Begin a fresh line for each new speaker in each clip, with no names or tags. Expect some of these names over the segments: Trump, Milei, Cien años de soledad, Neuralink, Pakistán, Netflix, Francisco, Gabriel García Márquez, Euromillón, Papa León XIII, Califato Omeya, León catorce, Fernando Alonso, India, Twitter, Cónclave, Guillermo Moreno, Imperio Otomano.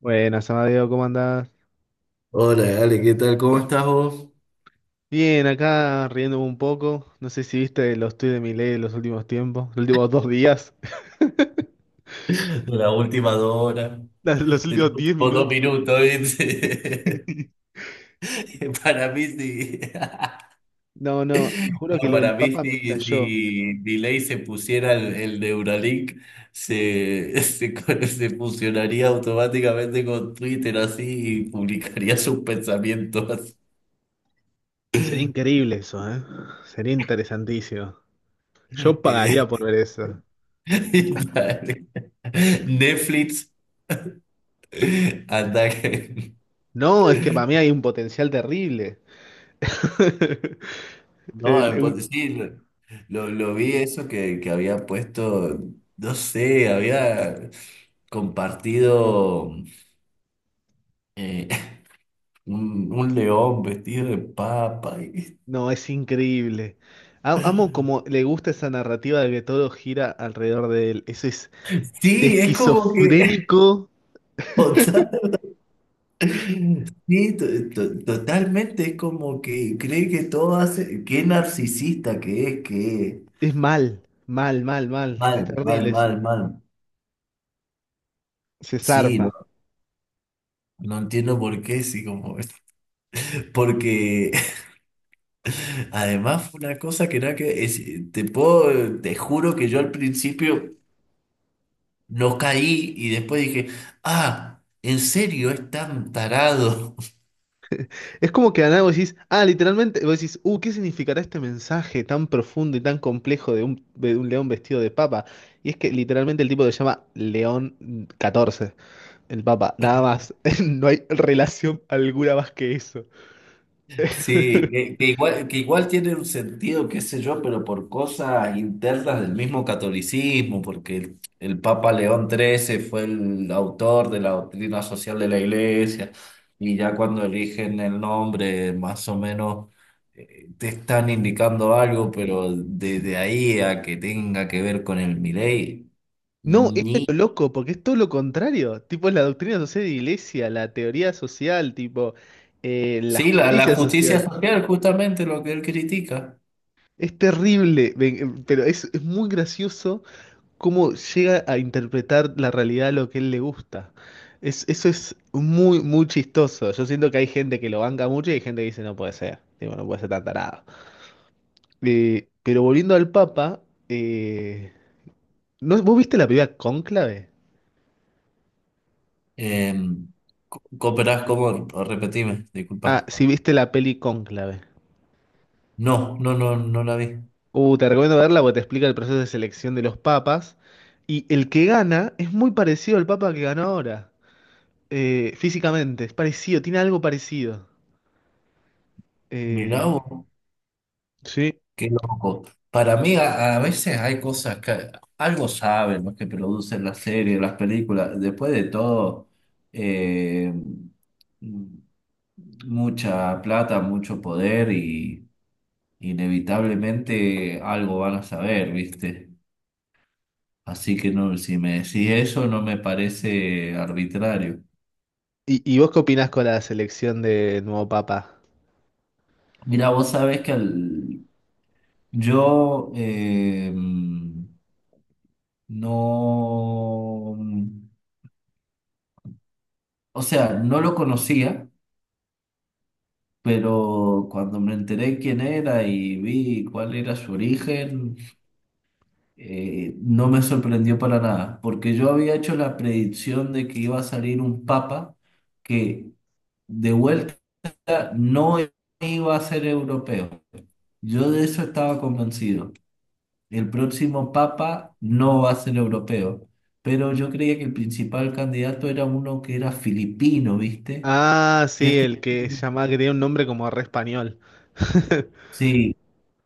Buenas, Amadeo, ¿cómo andás?
Hola, Ale, ¿qué tal? ¿Cómo estás vos?
Bien, acá riéndome un poco. No sé si viste los tweets de Milei en los últimos tiempos, los últimos dos días,
La última dos horas,
los
de los
últimos diez
últimos dos
minutos.
minutos, ¿viste? Para mí sí.
No, no, te juro que
No,
lo del
para mí
Papa me
sí,
estalló.
si Delay se pusiera el Neuralink, se fusionaría automáticamente con Twitter así y publicaría sus pensamientos.
Sería increíble eso, ¿eh? Sería interesantísimo. Yo
Eh,
pagaría por ver eso.
Netflix, anda.
No, es que para mí hay un potencial terrible.
No,
El- un-
pues, sí, lo vi eso que había puesto, no sé, había compartido eh, un león vestido de papa.
no, es increíble. Amo como le gusta esa narrativa de que todo gira alrededor de él. Eso es de
Sí, es como que...
esquizofrénico,
total- sí, totalmente, es como que cree que todo hace... Qué narcisista que es, que...
es mal, mal, mal, mal.
Mal,
Es
mal,
terrible eso.
mal, mal.
Se
Sí, no,
zarpa.
no entiendo por qué, sí, como... Porque... Además, fue una cosa que nada te puedo, te juro que yo al principio no caí y después dije, ah, ¿en serio es tan tarado?
Es como que de la nada vos decís, ah, literalmente, vos decís, ¿qué significará este mensaje tan profundo y tan complejo de un león vestido de papa? Y es que literalmente el tipo se llama León catorce, el papa, nada más. No hay relación alguna más que eso.
Sí, que igual tiene un sentido, qué sé yo, pero por cosas internas del mismo catolicismo, porque el Papa León XIII fue el autor de la doctrina social de la Iglesia, y ya cuando eligen el nombre, más o menos te están indicando algo, pero desde ahí a que tenga que ver con el Milei,
No, esto es lo
ni...
loco, porque es todo lo contrario. Tipo, es la doctrina social de iglesia, la teoría social, tipo, la
Sí, la
justicia
justicia
social.
social, justamente lo que él critica.
Es terrible, pero es muy gracioso cómo llega a interpretar la realidad a lo que él le gusta. Es, eso es muy, muy chistoso. Yo siento que hay gente que lo banca mucho y hay gente que dice no puede ser. Tipo, no puede ser tan tarado. Pero volviendo al Papa, eh, ¿no, ¿vos viste la película Cónclave?
Eh, ¿Cooperás cómo? Repetime,
Ah,
disculpa.
sí, viste la peli Cónclave.
No, no, no, no la vi.
Te recomiendo verla porque te explica el proceso de selección de los papas. Y el que gana es muy parecido al papa que ganó ahora. Eh, físicamente, es parecido, tiene algo parecido.
Mirá
Eh,
vos,
Sí.
qué loco. Para mí a veces hay cosas que algo saben los que producen las series, las películas. Después de todo, eh, mm, mucha plata, mucho poder y inevitablemente algo van a saber, ¿viste? Así que no, si me decís eso no me parece arbitrario.
Y vos qué opinás con la selección de nuevo papa?
Mira, vos sabés yo no, o sea, no lo conocía, pero cuando me enteré quién era y vi cuál era su origen, no me sorprendió para nada, porque yo había hecho la predicción de que iba a salir un papa que de vuelta no iba a ser europeo. Yo de eso estaba convencido. El próximo papa no va a ser europeo, pero yo creía que el principal candidato era uno que era filipino, ¿viste?
Ah,
Y a
sí,
este,
el que se llamaba, que tenía un nombre como re español.
sí,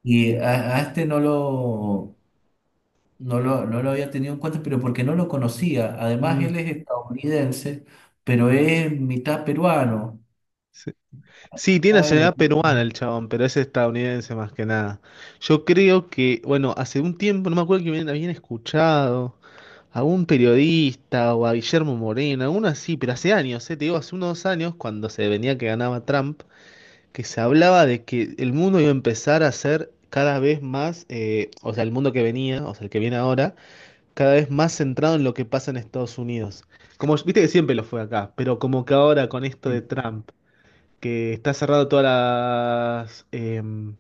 a este no lo había tenido en cuenta, pero porque no lo conocía. Además,
Mm,
él es estadounidense, pero es mitad peruano,
sí. Sí, tiene
algo
nacionalidad
así, ¿no?
peruana el chabón, pero es estadounidense más que nada. Yo creo que, bueno, hace un tiempo, no me acuerdo que habían escuchado a un periodista o a Guillermo Moreno, alguno así, pero hace años, te digo, hace unos años, cuando se venía que ganaba Trump, que se hablaba de que el mundo iba a empezar a ser cada vez más, o sea, el mundo que venía, o sea, el que viene ahora, cada vez más centrado en lo que pasa en Estados Unidos. Como viste que siempre lo fue acá, pero como que ahora con esto de Trump, que está cerrado todas las...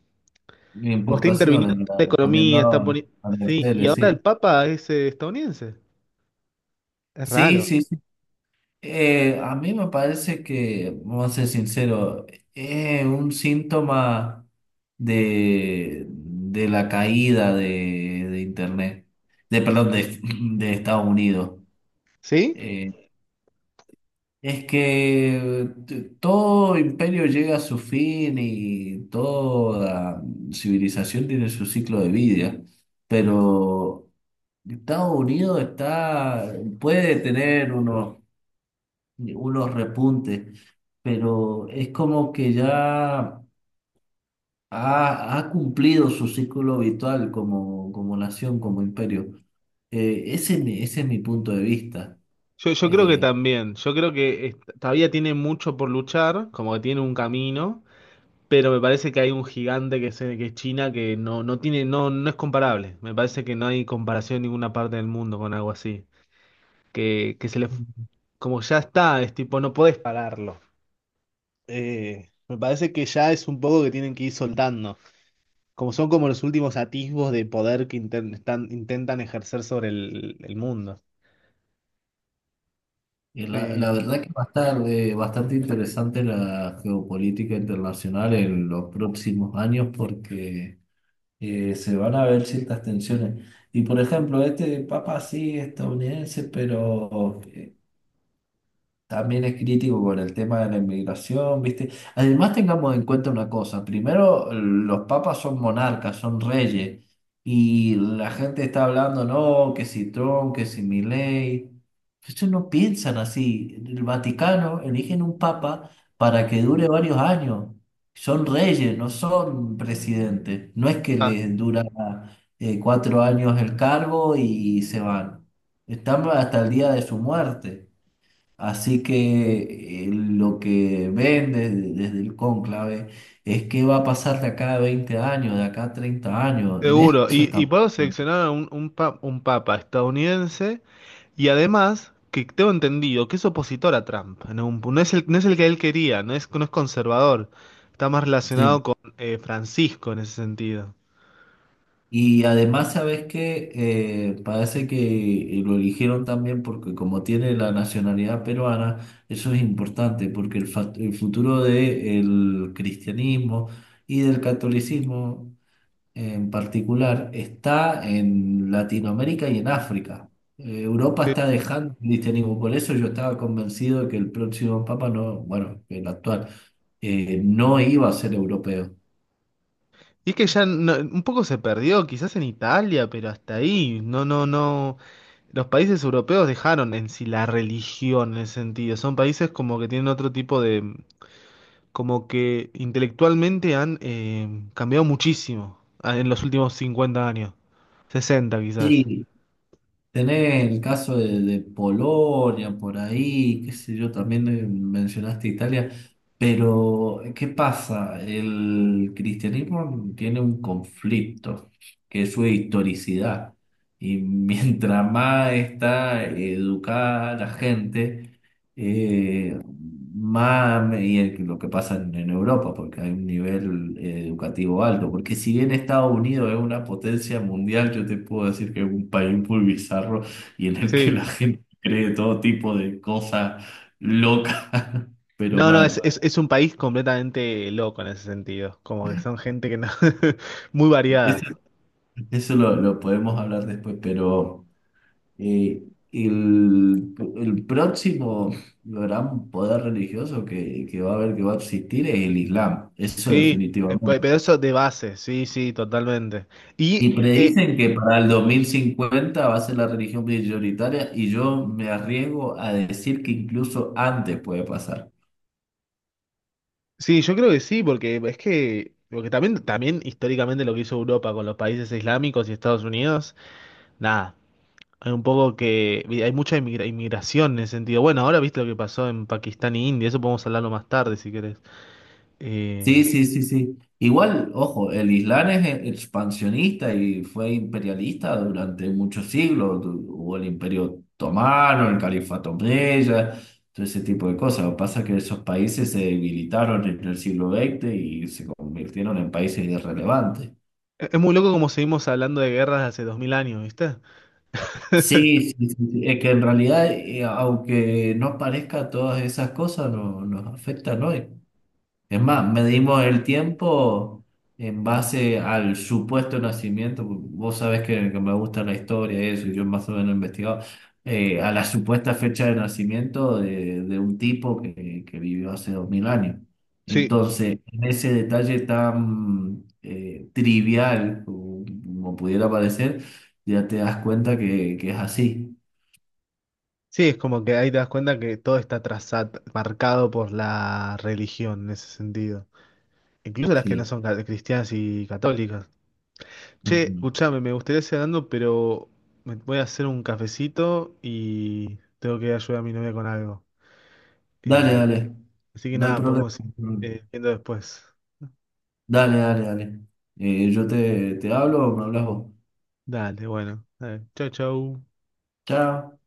como está interviniendo
Importaciones,
en la economía, está
poniendo
poniendo... Sí, y
aranceles,
ahora el
sí.
Papa es estadounidense. Es
Sí,
raro.
sí, sí. A mí me parece que, vamos a ser sincero, es un síntoma de la caída de Internet, de, perdón, de, de Estados Unidos.
¿Sí?
Eh, es que todo imperio llega a su fin y toda civilización tiene su ciclo de vida, pero Estados Unidos está, puede tener unos repuntes, pero es como que ya ha cumplido su ciclo habitual como, como nación, como imperio. Ese es mi punto de vista.
Yo creo que
Eh,
también. Yo creo que todavía tiene mucho por luchar, como que tiene un camino. Pero me parece que hay un gigante que es China que no, no tiene, no, no es comparable. Me parece que no hay comparación en ninguna parte del mundo con algo así. Que se le, como ya está, es tipo, no podés pararlo. Me parece que ya es un poco que tienen que ir soltando. Como son como los últimos atisbos de poder que intentan ejercer sobre el mundo.
y
Eh,
la verdad que va a estar bastante interesante la geopolítica internacional en los próximos años porque se van a ver ciertas tensiones. Y por ejemplo, este papa sí estadounidense, pero también es crítico con el tema de la inmigración, ¿viste? Además, tengamos en cuenta una cosa. Primero, los papas son monarcas, son reyes. Y la gente está hablando, no, que si Trump, que si Milei. Ellos no piensan así. El Vaticano eligen un papa para que dure varios años. Son reyes, no son presidentes. No es que les dura 4 años el cargo y se van. Están hasta el día de su muerte. Así que lo que ven desde el cónclave es qué va a pasar de acá a 20 años, de acá a 30 años. En eso
Seguro, y
estamos.
puedo seleccionar a un papa estadounidense y además que tengo entendido que es opositor a Trump, en no, es el, no es el que él quería, no es, no es conservador, está más
Sí.
relacionado con Francisco en ese sentido.
Y además, ¿sabes qué? Parece que lo eligieron también porque como tiene la nacionalidad peruana, eso es importante, porque el futuro del cristianismo y del catolicismo en particular está en Latinoamérica y en África. Europa está
Sí.
dejando el cristianismo, por eso yo estaba convencido de que el próximo papa no, bueno, el actual, no iba a ser europeo.
Y es que ya un poco se perdió, quizás en Italia, pero hasta ahí, no, no, no, los países europeos dejaron en sí la religión en ese sentido, son países como que tienen otro tipo de... Como que intelectualmente han cambiado muchísimo ah, en los últimos 50 años, 60 quizás.
Sí, tenés el caso de Polonia por ahí, qué sé yo, también mencionaste Italia, pero ¿qué pasa? El cristianismo tiene un conflicto, que es su historicidad, y mientras más está educada la gente, eh, más lo que pasa en Europa, porque hay un nivel educativo alto. Porque si bien Estados Unidos es una potencia mundial, yo te puedo decir que es un país muy bizarro y en el que
Sí.
la gente cree todo tipo de cosas locas, pero
No, no,
mal.
es un país completamente loco en ese sentido, como que son gente que no, muy
Eso,
variada.
eso lo podemos hablar después, pero eh, el próximo gran poder religioso que va a haber, que va a existir, es el Islam. Eso
Sí,
definitivamente.
pero eso de base, sí, sí, totalmente.
Y
Y
predicen que para el 2050 va a ser la religión prioritaria y yo me arriesgo a decir que incluso antes puede pasar.
sí, yo creo que sí, porque es que, porque también, también históricamente lo que hizo Europa con los países islámicos y Estados Unidos, nada. Hay un poco que hay mucha inmigración en ese sentido. Bueno, ahora viste lo que pasó en Pakistán y India, eso podemos hablarlo más tarde si querés.
Sí,
Eh,
sí, sí, sí. Igual, ojo, el Islam es expansionista y fue imperialista durante muchos siglos. Hubo el Imperio Otomano, el Califato Omeya, todo ese tipo de cosas. Lo que pasa es que esos países se debilitaron en el siglo XX y se convirtieron en países irrelevantes.
es muy loco como seguimos hablando de guerras de hace dos mil años, ¿viste?
Sí, sí, sí, sí, es que en realidad, aunque no parezca todas esas cosas, no, nos afectan, ¿no? Es más, medimos el tiempo en base al supuesto nacimiento. Vos sabés que me gusta la historia y eso, y yo más o menos he investigado. A la supuesta fecha de nacimiento de un tipo que vivió hace 2000 años.
Sí,
Entonces, en ese detalle tan trivial como, como pudiera parecer, ya te das cuenta que es así.
sí, es como que ahí te das cuenta que todo está trazado, marcado por la religión en ese sentido. Incluso las que no
Sí.
son cristianas y católicas. Che,
Ujú.
escuchame, me gustaría seguir hablando, pero me voy a hacer un cafecito y tengo que ayudar a mi novia con algo.
Dale,
Eh,
dale.
Así que
No hay
nada,
problema.
podemos ir viendo después.
Dale, dale, dale. Yo te hablo o me hablas vos.
Dale, bueno. Dale. Chau, chau.
Chao.